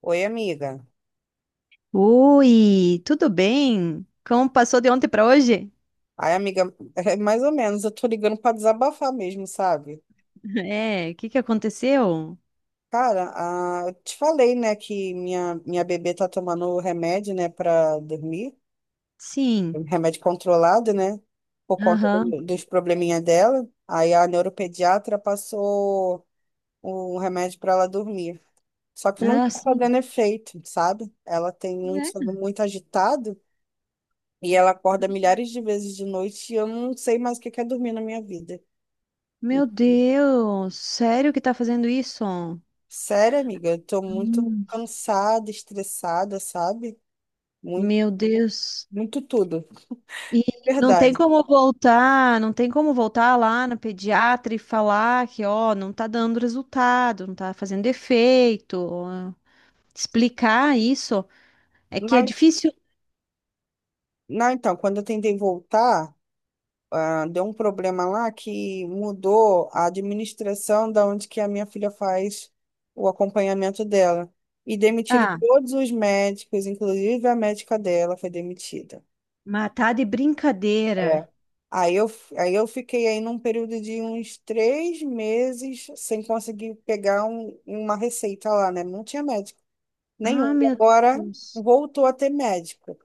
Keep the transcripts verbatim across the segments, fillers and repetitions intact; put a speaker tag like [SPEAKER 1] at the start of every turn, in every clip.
[SPEAKER 1] Oi, amiga.
[SPEAKER 2] Oi, tudo bem? Como passou de ontem para hoje?
[SPEAKER 1] Ai, amiga, é mais ou menos, eu tô ligando pra desabafar mesmo, sabe?
[SPEAKER 2] É, o que que aconteceu?
[SPEAKER 1] Cara, ah, eu te falei, né, que minha, minha bebê tá tomando remédio, né, pra dormir, um
[SPEAKER 2] Sim.
[SPEAKER 1] remédio controlado, né, por conta
[SPEAKER 2] Aham.
[SPEAKER 1] do- dos probleminha dela. Aí a neuropediatra passou um remédio pra ela dormir. Só que não
[SPEAKER 2] Ah,
[SPEAKER 1] tá
[SPEAKER 2] sim.
[SPEAKER 1] fazendo efeito, sabe? Ela tem um
[SPEAKER 2] É.
[SPEAKER 1] sono muito agitado e ela acorda milhares de vezes de noite e eu não sei mais o que que é dormir na minha vida.
[SPEAKER 2] Meu Deus, sério que tá fazendo isso?
[SPEAKER 1] Sério, amiga, eu tô muito
[SPEAKER 2] Hum.
[SPEAKER 1] cansada, estressada, sabe? Muito,
[SPEAKER 2] Meu Deus.
[SPEAKER 1] muito tudo.
[SPEAKER 2] E não tem
[SPEAKER 1] Verdade.
[SPEAKER 2] como voltar, não tem como voltar lá no pediatra e falar que, ó, não tá dando resultado, não tá fazendo efeito, ó, explicar isso. É que é
[SPEAKER 1] Não,
[SPEAKER 2] difícil.
[SPEAKER 1] não, então, quando eu tentei voltar, ah, deu um problema lá que mudou a administração da onde que a minha filha faz o acompanhamento dela. E demitiram
[SPEAKER 2] Ah,
[SPEAKER 1] todos os médicos, inclusive a médica dela foi demitida.
[SPEAKER 2] matar de
[SPEAKER 1] É.
[SPEAKER 2] brincadeira.
[SPEAKER 1] Aí eu, f- aí eu fiquei aí num período de uns três meses sem conseguir pegar um- uma receita lá, né? Não tinha médico
[SPEAKER 2] Ah,
[SPEAKER 1] nenhum. E
[SPEAKER 2] meu
[SPEAKER 1] agora
[SPEAKER 2] Deus.
[SPEAKER 1] voltou a ter médico.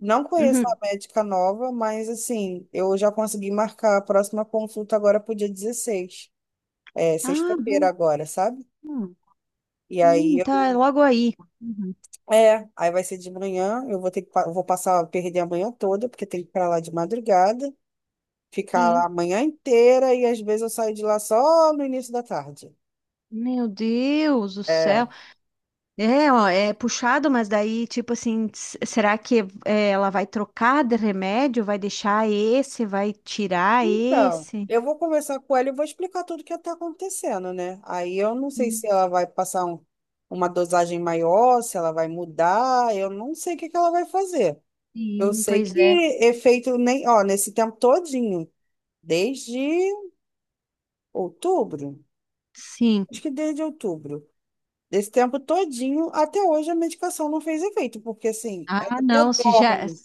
[SPEAKER 1] Não conheço a
[SPEAKER 2] Uhum.
[SPEAKER 1] médica nova, mas assim, eu já consegui marcar a próxima consulta agora pro dia dezesseis, é,
[SPEAKER 2] Ah,
[SPEAKER 1] sexta-feira
[SPEAKER 2] bom.
[SPEAKER 1] agora, sabe? E aí
[SPEAKER 2] Sim, tá, é
[SPEAKER 1] eu.
[SPEAKER 2] logo aí. Uhum.
[SPEAKER 1] É, aí vai ser de manhã, eu vou ter que, pa- eu vou passar, perder a manhã toda, porque tem que ir pra lá de madrugada. Ficar lá
[SPEAKER 2] Sim.
[SPEAKER 1] a manhã inteira e às vezes eu saio de lá só no início da tarde.
[SPEAKER 2] Meu Deus do céu.
[SPEAKER 1] É.
[SPEAKER 2] É, ó, é puxado, mas daí, tipo assim, s- será que é, ela vai trocar de remédio? Vai deixar esse? Vai tirar
[SPEAKER 1] Então,
[SPEAKER 2] esse?
[SPEAKER 1] eu vou conversar com ela e vou explicar tudo o que está acontecendo, né? Aí eu não sei se
[SPEAKER 2] Sim,
[SPEAKER 1] ela vai passar um- uma dosagem maior, se ela vai mudar, eu não sei o que que ela vai fazer. Eu
[SPEAKER 2] sim,
[SPEAKER 1] sei
[SPEAKER 2] pois
[SPEAKER 1] que
[SPEAKER 2] é.
[SPEAKER 1] efeito nem, ó, nesse tempo todinho, desde outubro,
[SPEAKER 2] Sim.
[SPEAKER 1] acho que desde outubro, desse tempo todinho até hoje a medicação não fez efeito, porque assim,
[SPEAKER 2] Ah,
[SPEAKER 1] ela
[SPEAKER 2] não,
[SPEAKER 1] até
[SPEAKER 2] se já,
[SPEAKER 1] dorme.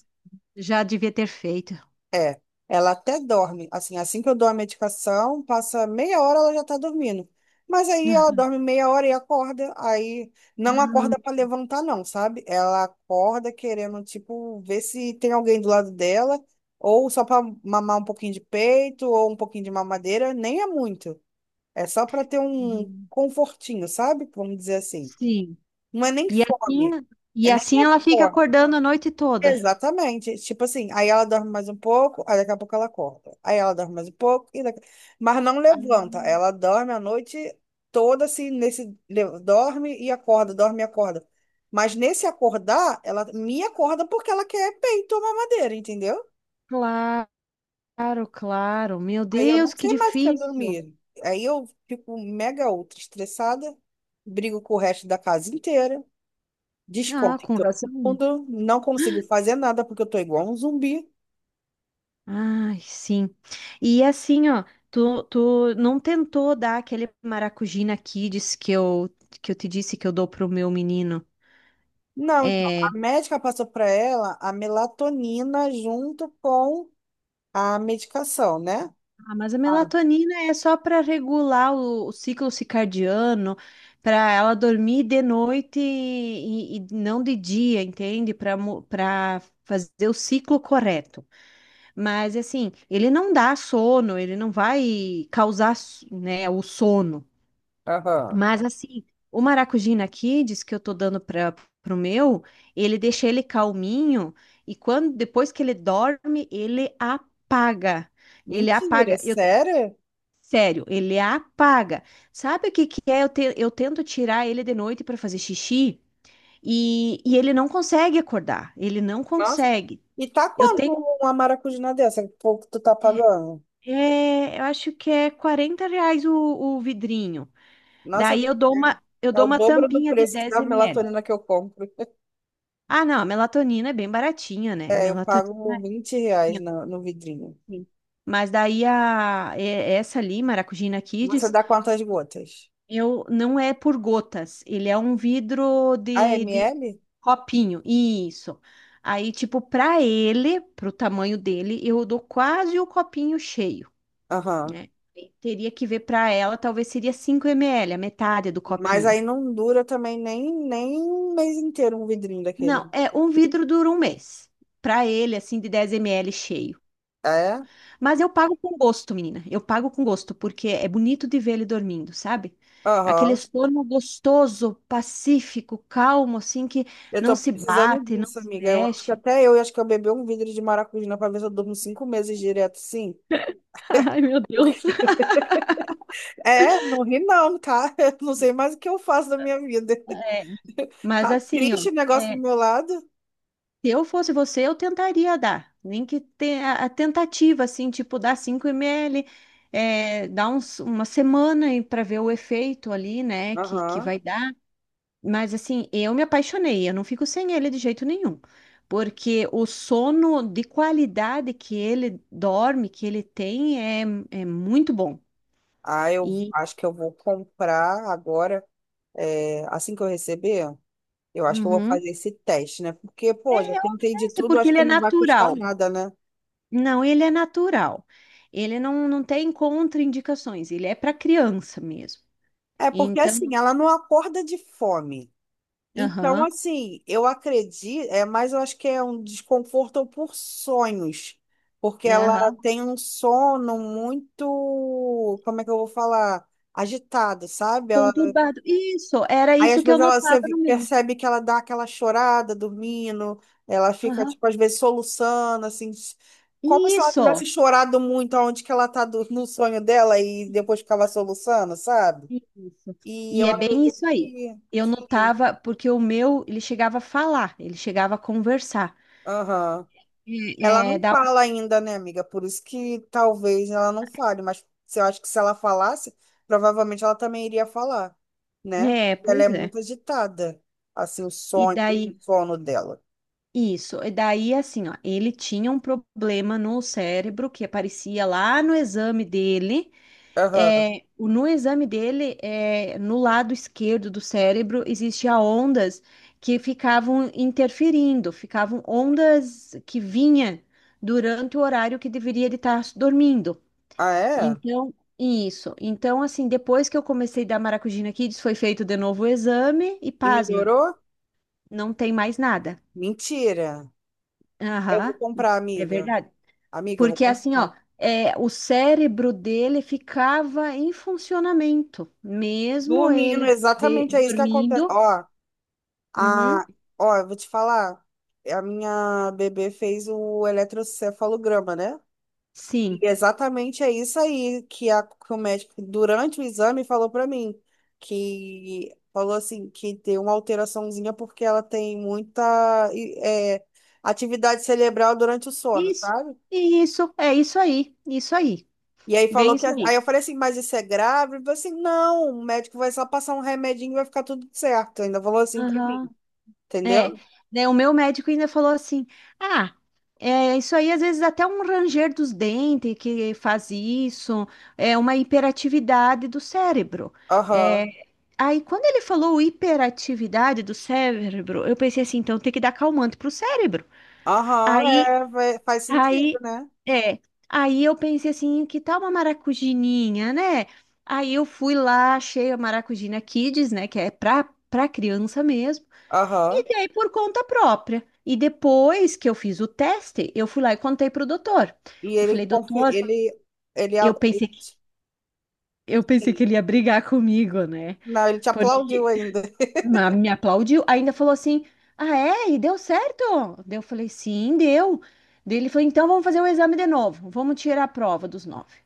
[SPEAKER 2] já devia ter feito.
[SPEAKER 1] É, ela até dorme. Assim, assim que eu dou a medicação, passa meia hora ela já tá dormindo. Mas aí ela
[SPEAKER 2] Ah,
[SPEAKER 1] dorme meia hora e acorda, aí não acorda para levantar não, sabe? Ela acorda querendo tipo ver se tem alguém do lado dela ou só para mamar um pouquinho de peito ou um pouquinho de mamadeira, nem é muito. É só para ter um
[SPEAKER 2] uhum.
[SPEAKER 1] confortinho, sabe? Vamos dizer assim.
[SPEAKER 2] Sim.
[SPEAKER 1] Não é nem
[SPEAKER 2] E assim,
[SPEAKER 1] fome.
[SPEAKER 2] e
[SPEAKER 1] É nem
[SPEAKER 2] assim
[SPEAKER 1] é
[SPEAKER 2] ela fica
[SPEAKER 1] fome.
[SPEAKER 2] acordando a noite toda.
[SPEAKER 1] Exatamente. Tipo assim, aí ela dorme mais um pouco, aí daqui a pouco ela acorda. Aí ela dorme mais um pouco, e daqui... mas não
[SPEAKER 2] Ah.
[SPEAKER 1] levanta. Ela dorme a noite toda assim, nesse, le- dorme e acorda, dorme e acorda. Mas nesse acordar, ela me acorda porque ela quer peito ou mamadeira, entendeu?
[SPEAKER 2] Claro, claro. Meu
[SPEAKER 1] Aí eu
[SPEAKER 2] Deus,
[SPEAKER 1] não
[SPEAKER 2] que
[SPEAKER 1] sei mais o que é
[SPEAKER 2] difícil.
[SPEAKER 1] dormir. Aí eu fico mega ultra estressada, brigo com o resto da casa inteira,
[SPEAKER 2] Ah,
[SPEAKER 1] desconto em
[SPEAKER 2] com
[SPEAKER 1] todo
[SPEAKER 2] razão.
[SPEAKER 1] mundo, não consigo fazer nada porque eu tô igual um zumbi.
[SPEAKER 2] Ai, sim. E assim, ó, tu, tu não tentou dar aquele Maracujina Kids que eu, que eu te disse que eu dou pro meu menino?
[SPEAKER 1] Não, então, a
[SPEAKER 2] É,
[SPEAKER 1] médica passou para ela a melatonina junto com a medicação, né?
[SPEAKER 2] ah, mas a
[SPEAKER 1] Ah.
[SPEAKER 2] melatonina é só para regular o, o ciclo circadiano, para ela dormir de noite e, e- e não de dia, entende? Para para fazer o ciclo correto. Mas assim, ele não dá sono, ele não vai causar, né, o sono.
[SPEAKER 1] Aham.
[SPEAKER 2] Mas assim, o Maracujina Kids que eu tô dando para pro meu, ele deixa ele calminho e quando depois que ele dorme, ele apaga. Ele
[SPEAKER 1] Mentira, é
[SPEAKER 2] apaga. Eu
[SPEAKER 1] sério?
[SPEAKER 2] Sério, ele apaga. Sabe o que que é? Eu, te- eu tento tirar ele de noite para fazer xixi e, e ele não consegue acordar. Ele não
[SPEAKER 1] Nossa.
[SPEAKER 2] consegue.
[SPEAKER 1] E tá
[SPEAKER 2] Eu
[SPEAKER 1] quanto
[SPEAKER 2] tenho
[SPEAKER 1] uma maracujina dessa? Que pouco tu tá pagando?
[SPEAKER 2] É, eu acho que é quarenta reais o, o vidrinho.
[SPEAKER 1] Nossa,
[SPEAKER 2] Daí eu dou
[SPEAKER 1] é
[SPEAKER 2] uma, eu
[SPEAKER 1] é
[SPEAKER 2] dou
[SPEAKER 1] o
[SPEAKER 2] uma
[SPEAKER 1] dobro do
[SPEAKER 2] tampinha de
[SPEAKER 1] preço
[SPEAKER 2] dez
[SPEAKER 1] da
[SPEAKER 2] ml.
[SPEAKER 1] melatonina que eu compro.
[SPEAKER 2] Ah, não, a melatonina é bem baratinha, né?
[SPEAKER 1] É, eu
[SPEAKER 2] Melatonina
[SPEAKER 1] pago
[SPEAKER 2] é
[SPEAKER 1] vinte reais
[SPEAKER 2] pouquinho,
[SPEAKER 1] no, no vidrinho.
[SPEAKER 2] assim. Mas daí a, é- essa ali, Maracujina
[SPEAKER 1] Você
[SPEAKER 2] Kids,
[SPEAKER 1] dá quantas gotas?
[SPEAKER 2] eu, não é por gotas. Ele é um vidro
[SPEAKER 1] A
[SPEAKER 2] de, de
[SPEAKER 1] ml?
[SPEAKER 2] copinho. Isso. Aí, tipo, pra ele, pro tamanho dele, eu dou quase o copinho cheio,
[SPEAKER 1] Aham.
[SPEAKER 2] né? E teria que ver para ela, talvez seria cinco ml, a metade do
[SPEAKER 1] Mas
[SPEAKER 2] copinho.
[SPEAKER 1] aí não dura também nem, nem um mês inteiro um vidrinho
[SPEAKER 2] Não,
[SPEAKER 1] daquele.
[SPEAKER 2] é um vidro dura um mês. Para ele, assim, de dez ml cheio.
[SPEAKER 1] É?
[SPEAKER 2] Mas eu pago com gosto, menina. Eu pago com gosto, porque é bonito de ver ele dormindo, sabe? Aquele
[SPEAKER 1] Aham.
[SPEAKER 2] sono gostoso, pacífico, calmo, assim, que
[SPEAKER 1] Eu
[SPEAKER 2] não
[SPEAKER 1] tô
[SPEAKER 2] se
[SPEAKER 1] precisando
[SPEAKER 2] bate, não
[SPEAKER 1] disso,
[SPEAKER 2] se
[SPEAKER 1] amiga. Eu acho que
[SPEAKER 2] mexe.
[SPEAKER 1] até eu, eu acho que eu bebi um vidro de maracujá pra ver se eu durmo cinco meses direto, sim.
[SPEAKER 2] Ai, meu Deus.
[SPEAKER 1] Porque- É, não ri não, tá? Eu não sei mais o que eu faço da minha vida.
[SPEAKER 2] Mas
[SPEAKER 1] Tá
[SPEAKER 2] assim, ó.
[SPEAKER 1] triste o negócio do
[SPEAKER 2] é,
[SPEAKER 1] meu lado.
[SPEAKER 2] Se eu fosse você, eu tentaria dar. Nem que tenha a tentativa, assim, tipo, dar cinco ml, é, dar uns, uma semana para ver o efeito ali, né, que, que
[SPEAKER 1] Aham.
[SPEAKER 2] vai dar. Mas, assim, eu me apaixonei, eu não fico sem ele de jeito nenhum. Porque o sono de qualidade que ele dorme, que ele tem, é, é muito bom.
[SPEAKER 1] Ah, eu
[SPEAKER 2] E
[SPEAKER 1] acho que eu vou comprar agora, é, assim que eu receber, eu acho que eu vou
[SPEAKER 2] uhum,
[SPEAKER 1] fazer esse teste, né? Porque,
[SPEAKER 2] é,
[SPEAKER 1] pô, já tentei de
[SPEAKER 2] é
[SPEAKER 1] tudo,
[SPEAKER 2] porque
[SPEAKER 1] acho
[SPEAKER 2] ele
[SPEAKER 1] que
[SPEAKER 2] é
[SPEAKER 1] não vai custar
[SPEAKER 2] natural.
[SPEAKER 1] nada, né?
[SPEAKER 2] Não, ele é natural. Ele não, não tem contraindicações, ele é para criança mesmo.
[SPEAKER 1] É porque assim,
[SPEAKER 2] Então,
[SPEAKER 1] ela não acorda de fome. Então,
[SPEAKER 2] aham,
[SPEAKER 1] assim, eu acredito, é, mas eu acho que é um desconforto por sonhos, porque ela
[SPEAKER 2] aham,
[SPEAKER 1] tem um sono muito, como é que eu vou falar? Agitado, sabe? Ela,
[SPEAKER 2] conturbado. Isso, era
[SPEAKER 1] aí,
[SPEAKER 2] isso
[SPEAKER 1] às
[SPEAKER 2] que eu
[SPEAKER 1] vezes, ela você
[SPEAKER 2] notava
[SPEAKER 1] vi-
[SPEAKER 2] no meu.
[SPEAKER 1] percebe que ela dá aquela chorada dormindo, ela fica,
[SPEAKER 2] Aham,
[SPEAKER 1] tipo, às vezes, soluçando, assim, s- como se ela tivesse
[SPEAKER 2] isso,
[SPEAKER 1] chorado muito aonde que ela tá do- no sonho dela e depois ficava soluçando, sabe?
[SPEAKER 2] isso.
[SPEAKER 1] E
[SPEAKER 2] E
[SPEAKER 1] eu
[SPEAKER 2] é bem
[SPEAKER 1] acredito
[SPEAKER 2] isso aí.
[SPEAKER 1] que...
[SPEAKER 2] Eu
[SPEAKER 1] que-
[SPEAKER 2] notava, porque o meu, ele chegava a falar, ele chegava a conversar.
[SPEAKER 1] aham.
[SPEAKER 2] É,
[SPEAKER 1] Ela
[SPEAKER 2] é,
[SPEAKER 1] não
[SPEAKER 2] da-
[SPEAKER 1] fala ainda, né, amiga? Por isso que talvez ela não fale, mas se- eu acho que se ela falasse, provavelmente ela também iria falar, né? Porque
[SPEAKER 2] é,
[SPEAKER 1] ela
[SPEAKER 2] Pois
[SPEAKER 1] é
[SPEAKER 2] é.
[SPEAKER 1] muito agitada, assim, o
[SPEAKER 2] E
[SPEAKER 1] sonho,
[SPEAKER 2] daí,
[SPEAKER 1] o sono dela.
[SPEAKER 2] Isso, e daí assim, ó, ele tinha um problema no cérebro que aparecia lá no exame dele.
[SPEAKER 1] Aham.
[SPEAKER 2] É, o- no exame dele, é, no lado esquerdo do cérebro, existia ondas que ficavam interferindo, ficavam ondas que vinha durante o horário que deveria ele estar dormindo.
[SPEAKER 1] Ah, é?
[SPEAKER 2] Então, isso. Então, assim, depois que eu comecei a dar Maracugina Kids, foi feito de novo o exame e
[SPEAKER 1] E
[SPEAKER 2] pasma,
[SPEAKER 1] melhorou?
[SPEAKER 2] não tem mais nada.
[SPEAKER 1] Mentira. Eu vou
[SPEAKER 2] Aham,
[SPEAKER 1] comprar,
[SPEAKER 2] é
[SPEAKER 1] amiga.
[SPEAKER 2] verdade.
[SPEAKER 1] Amiga, eu vou
[SPEAKER 2] Porque assim, ó,
[SPEAKER 1] comprar.
[SPEAKER 2] é, o cérebro dele ficava em funcionamento, mesmo
[SPEAKER 1] Dormindo,
[SPEAKER 2] ele de-
[SPEAKER 1] exatamente é isso que acontece.
[SPEAKER 2] dormindo.
[SPEAKER 1] Ó,
[SPEAKER 2] Uhum,
[SPEAKER 1] a... ó, eu vou te falar. A minha bebê fez o eletrocefalograma, né? E
[SPEAKER 2] sim.
[SPEAKER 1] exatamente é isso aí que, a, que o médico, durante o exame, falou para mim, que falou assim, que tem uma alteraçãozinha porque ela tem muita e, é, atividade cerebral durante o sono,
[SPEAKER 2] Isso,
[SPEAKER 1] sabe?
[SPEAKER 2] isso, é isso aí, isso aí,
[SPEAKER 1] E aí
[SPEAKER 2] bem
[SPEAKER 1] falou que,
[SPEAKER 2] isso
[SPEAKER 1] aí
[SPEAKER 2] aí.
[SPEAKER 1] eu falei assim, mas isso é grave? Ele falou assim, não, o médico vai só passar um remedinho e vai ficar tudo certo. Ainda falou assim pra mim,
[SPEAKER 2] É,
[SPEAKER 1] entendeu?
[SPEAKER 2] né, o meu médico ainda falou assim: ah, é, isso aí às vezes até um ranger dos dentes que faz isso, é uma hiperatividade do cérebro.
[SPEAKER 1] Aham,
[SPEAKER 2] É, aí quando ele falou hiperatividade do cérebro, eu pensei assim: então tem que dar calmante pro cérebro.
[SPEAKER 1] aham,
[SPEAKER 2] Aí,
[SPEAKER 1] é, vai- faz sentido,
[SPEAKER 2] aí,
[SPEAKER 1] né?
[SPEAKER 2] é, aí eu pensei assim: que tal uma maracujininha, né? Aí eu fui lá, achei a Maracujina Kids, né, que é pra, pra criança mesmo. E
[SPEAKER 1] Aham.
[SPEAKER 2] dei por conta própria. E depois que eu fiz o teste, eu fui lá e contei pro doutor.
[SPEAKER 1] E
[SPEAKER 2] Eu
[SPEAKER 1] ele,
[SPEAKER 2] falei,
[SPEAKER 1] confi-
[SPEAKER 2] doutor,
[SPEAKER 1] ele, ele,
[SPEAKER 2] eu pensei que, eu pensei que
[SPEAKER 1] ele
[SPEAKER 2] ele ia brigar comigo, né?
[SPEAKER 1] Não, ele te aplaudiu
[SPEAKER 2] Porque
[SPEAKER 1] ainda.
[SPEAKER 2] ma- me aplaudiu. Ainda falou assim: Ah, é? E deu certo? Daí eu falei, sim, deu. Daí ele falou, então vamos fazer o exame de novo. Vamos tirar a prova dos nove.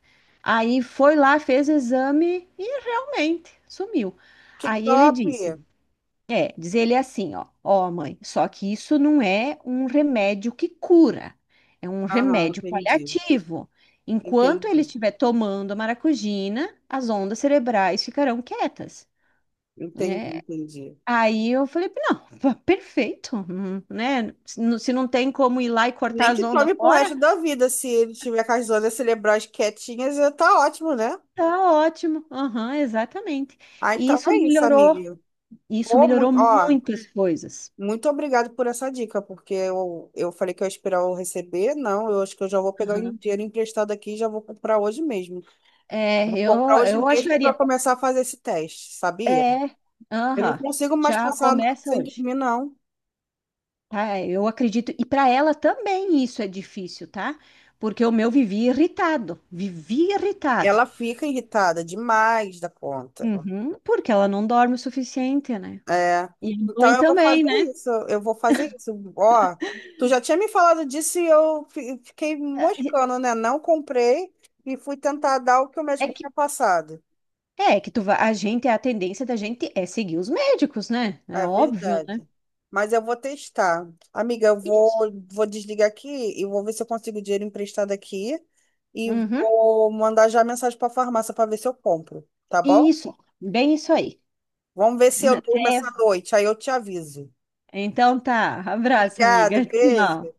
[SPEAKER 2] Aí foi lá, fez o exame e realmente sumiu.
[SPEAKER 1] Que
[SPEAKER 2] Aí ele
[SPEAKER 1] top!
[SPEAKER 2] disse. É, diz ele assim, ó, ó, mãe, só que isso não é um remédio que cura, é um
[SPEAKER 1] Aham,
[SPEAKER 2] remédio
[SPEAKER 1] entendi.
[SPEAKER 2] paliativo. Enquanto ele
[SPEAKER 1] Entendi.
[SPEAKER 2] estiver tomando a maracujina, as ondas cerebrais ficarão quietas,
[SPEAKER 1] Entendi,
[SPEAKER 2] né?
[SPEAKER 1] entendi.
[SPEAKER 2] Aí eu falei, não, pa- perfeito, hum, né? Se não se não tem como ir lá e cortar
[SPEAKER 1] Nem
[SPEAKER 2] as
[SPEAKER 1] que
[SPEAKER 2] ondas
[SPEAKER 1] tome pro
[SPEAKER 2] fora,
[SPEAKER 1] resto da vida, se ele tiver com as zonas cerebrais quietinhas, já tá ótimo, né?
[SPEAKER 2] tá ótimo. Aham, exatamente.
[SPEAKER 1] Ah,
[SPEAKER 2] E
[SPEAKER 1] então
[SPEAKER 2] isso
[SPEAKER 1] é isso,
[SPEAKER 2] melhorou,
[SPEAKER 1] amiga.
[SPEAKER 2] isso
[SPEAKER 1] Pô,
[SPEAKER 2] melhorou
[SPEAKER 1] muito, ó,
[SPEAKER 2] muitas coisas.
[SPEAKER 1] muito obrigado por essa dica, porque eu, eu falei que eu ia esperar eu receber. Não, eu acho que eu já vou pegar o
[SPEAKER 2] Aham.
[SPEAKER 1] dinheiro emprestado aqui e já vou comprar hoje mesmo.
[SPEAKER 2] É,
[SPEAKER 1] Vou
[SPEAKER 2] eu,
[SPEAKER 1] comprar hoje
[SPEAKER 2] eu
[SPEAKER 1] mesmo para
[SPEAKER 2] acharia.
[SPEAKER 1] começar a fazer esse teste, sabia?
[SPEAKER 2] É,
[SPEAKER 1] Eu não
[SPEAKER 2] aham,
[SPEAKER 1] consigo mais
[SPEAKER 2] já
[SPEAKER 1] passar a noite
[SPEAKER 2] começa
[SPEAKER 1] sem
[SPEAKER 2] hoje,
[SPEAKER 1] dormir, não.
[SPEAKER 2] tá? Eu acredito, e para ela também isso é difícil, tá? Porque o meu vivia irritado, vivia irritado.
[SPEAKER 1] Ela fica irritada demais da conta.
[SPEAKER 2] Uhum, porque ela não dorme o suficiente, né?
[SPEAKER 1] É.
[SPEAKER 2] E a
[SPEAKER 1] Então
[SPEAKER 2] mãe
[SPEAKER 1] eu vou
[SPEAKER 2] também,
[SPEAKER 1] fazer
[SPEAKER 2] né?
[SPEAKER 1] isso. Eu vou fazer isso. Ó, tu já tinha me falado disso e eu fi- fiquei
[SPEAKER 2] É
[SPEAKER 1] moscando, né? Não comprei e fui tentar dar o que o
[SPEAKER 2] é
[SPEAKER 1] médico tinha
[SPEAKER 2] que,
[SPEAKER 1] passado.
[SPEAKER 2] é que tu vai, a gente, a tendência da gente é seguir os médicos, né? É
[SPEAKER 1] É
[SPEAKER 2] óbvio, né?
[SPEAKER 1] verdade. Mas eu vou testar. Amiga, eu vou,
[SPEAKER 2] Isso.
[SPEAKER 1] vou desligar aqui e vou ver se eu consigo dinheiro emprestado aqui. E
[SPEAKER 2] Uhum,
[SPEAKER 1] vou mandar já mensagem para a farmácia para ver se eu compro, tá bom?
[SPEAKER 2] isso, bem isso aí.
[SPEAKER 1] Vamos ver se eu durmo essa
[SPEAKER 2] Até.
[SPEAKER 1] noite, aí eu te aviso.
[SPEAKER 2] Então tá, abraço,
[SPEAKER 1] Obrigado,
[SPEAKER 2] amiga.
[SPEAKER 1] beijo.
[SPEAKER 2] Tchau.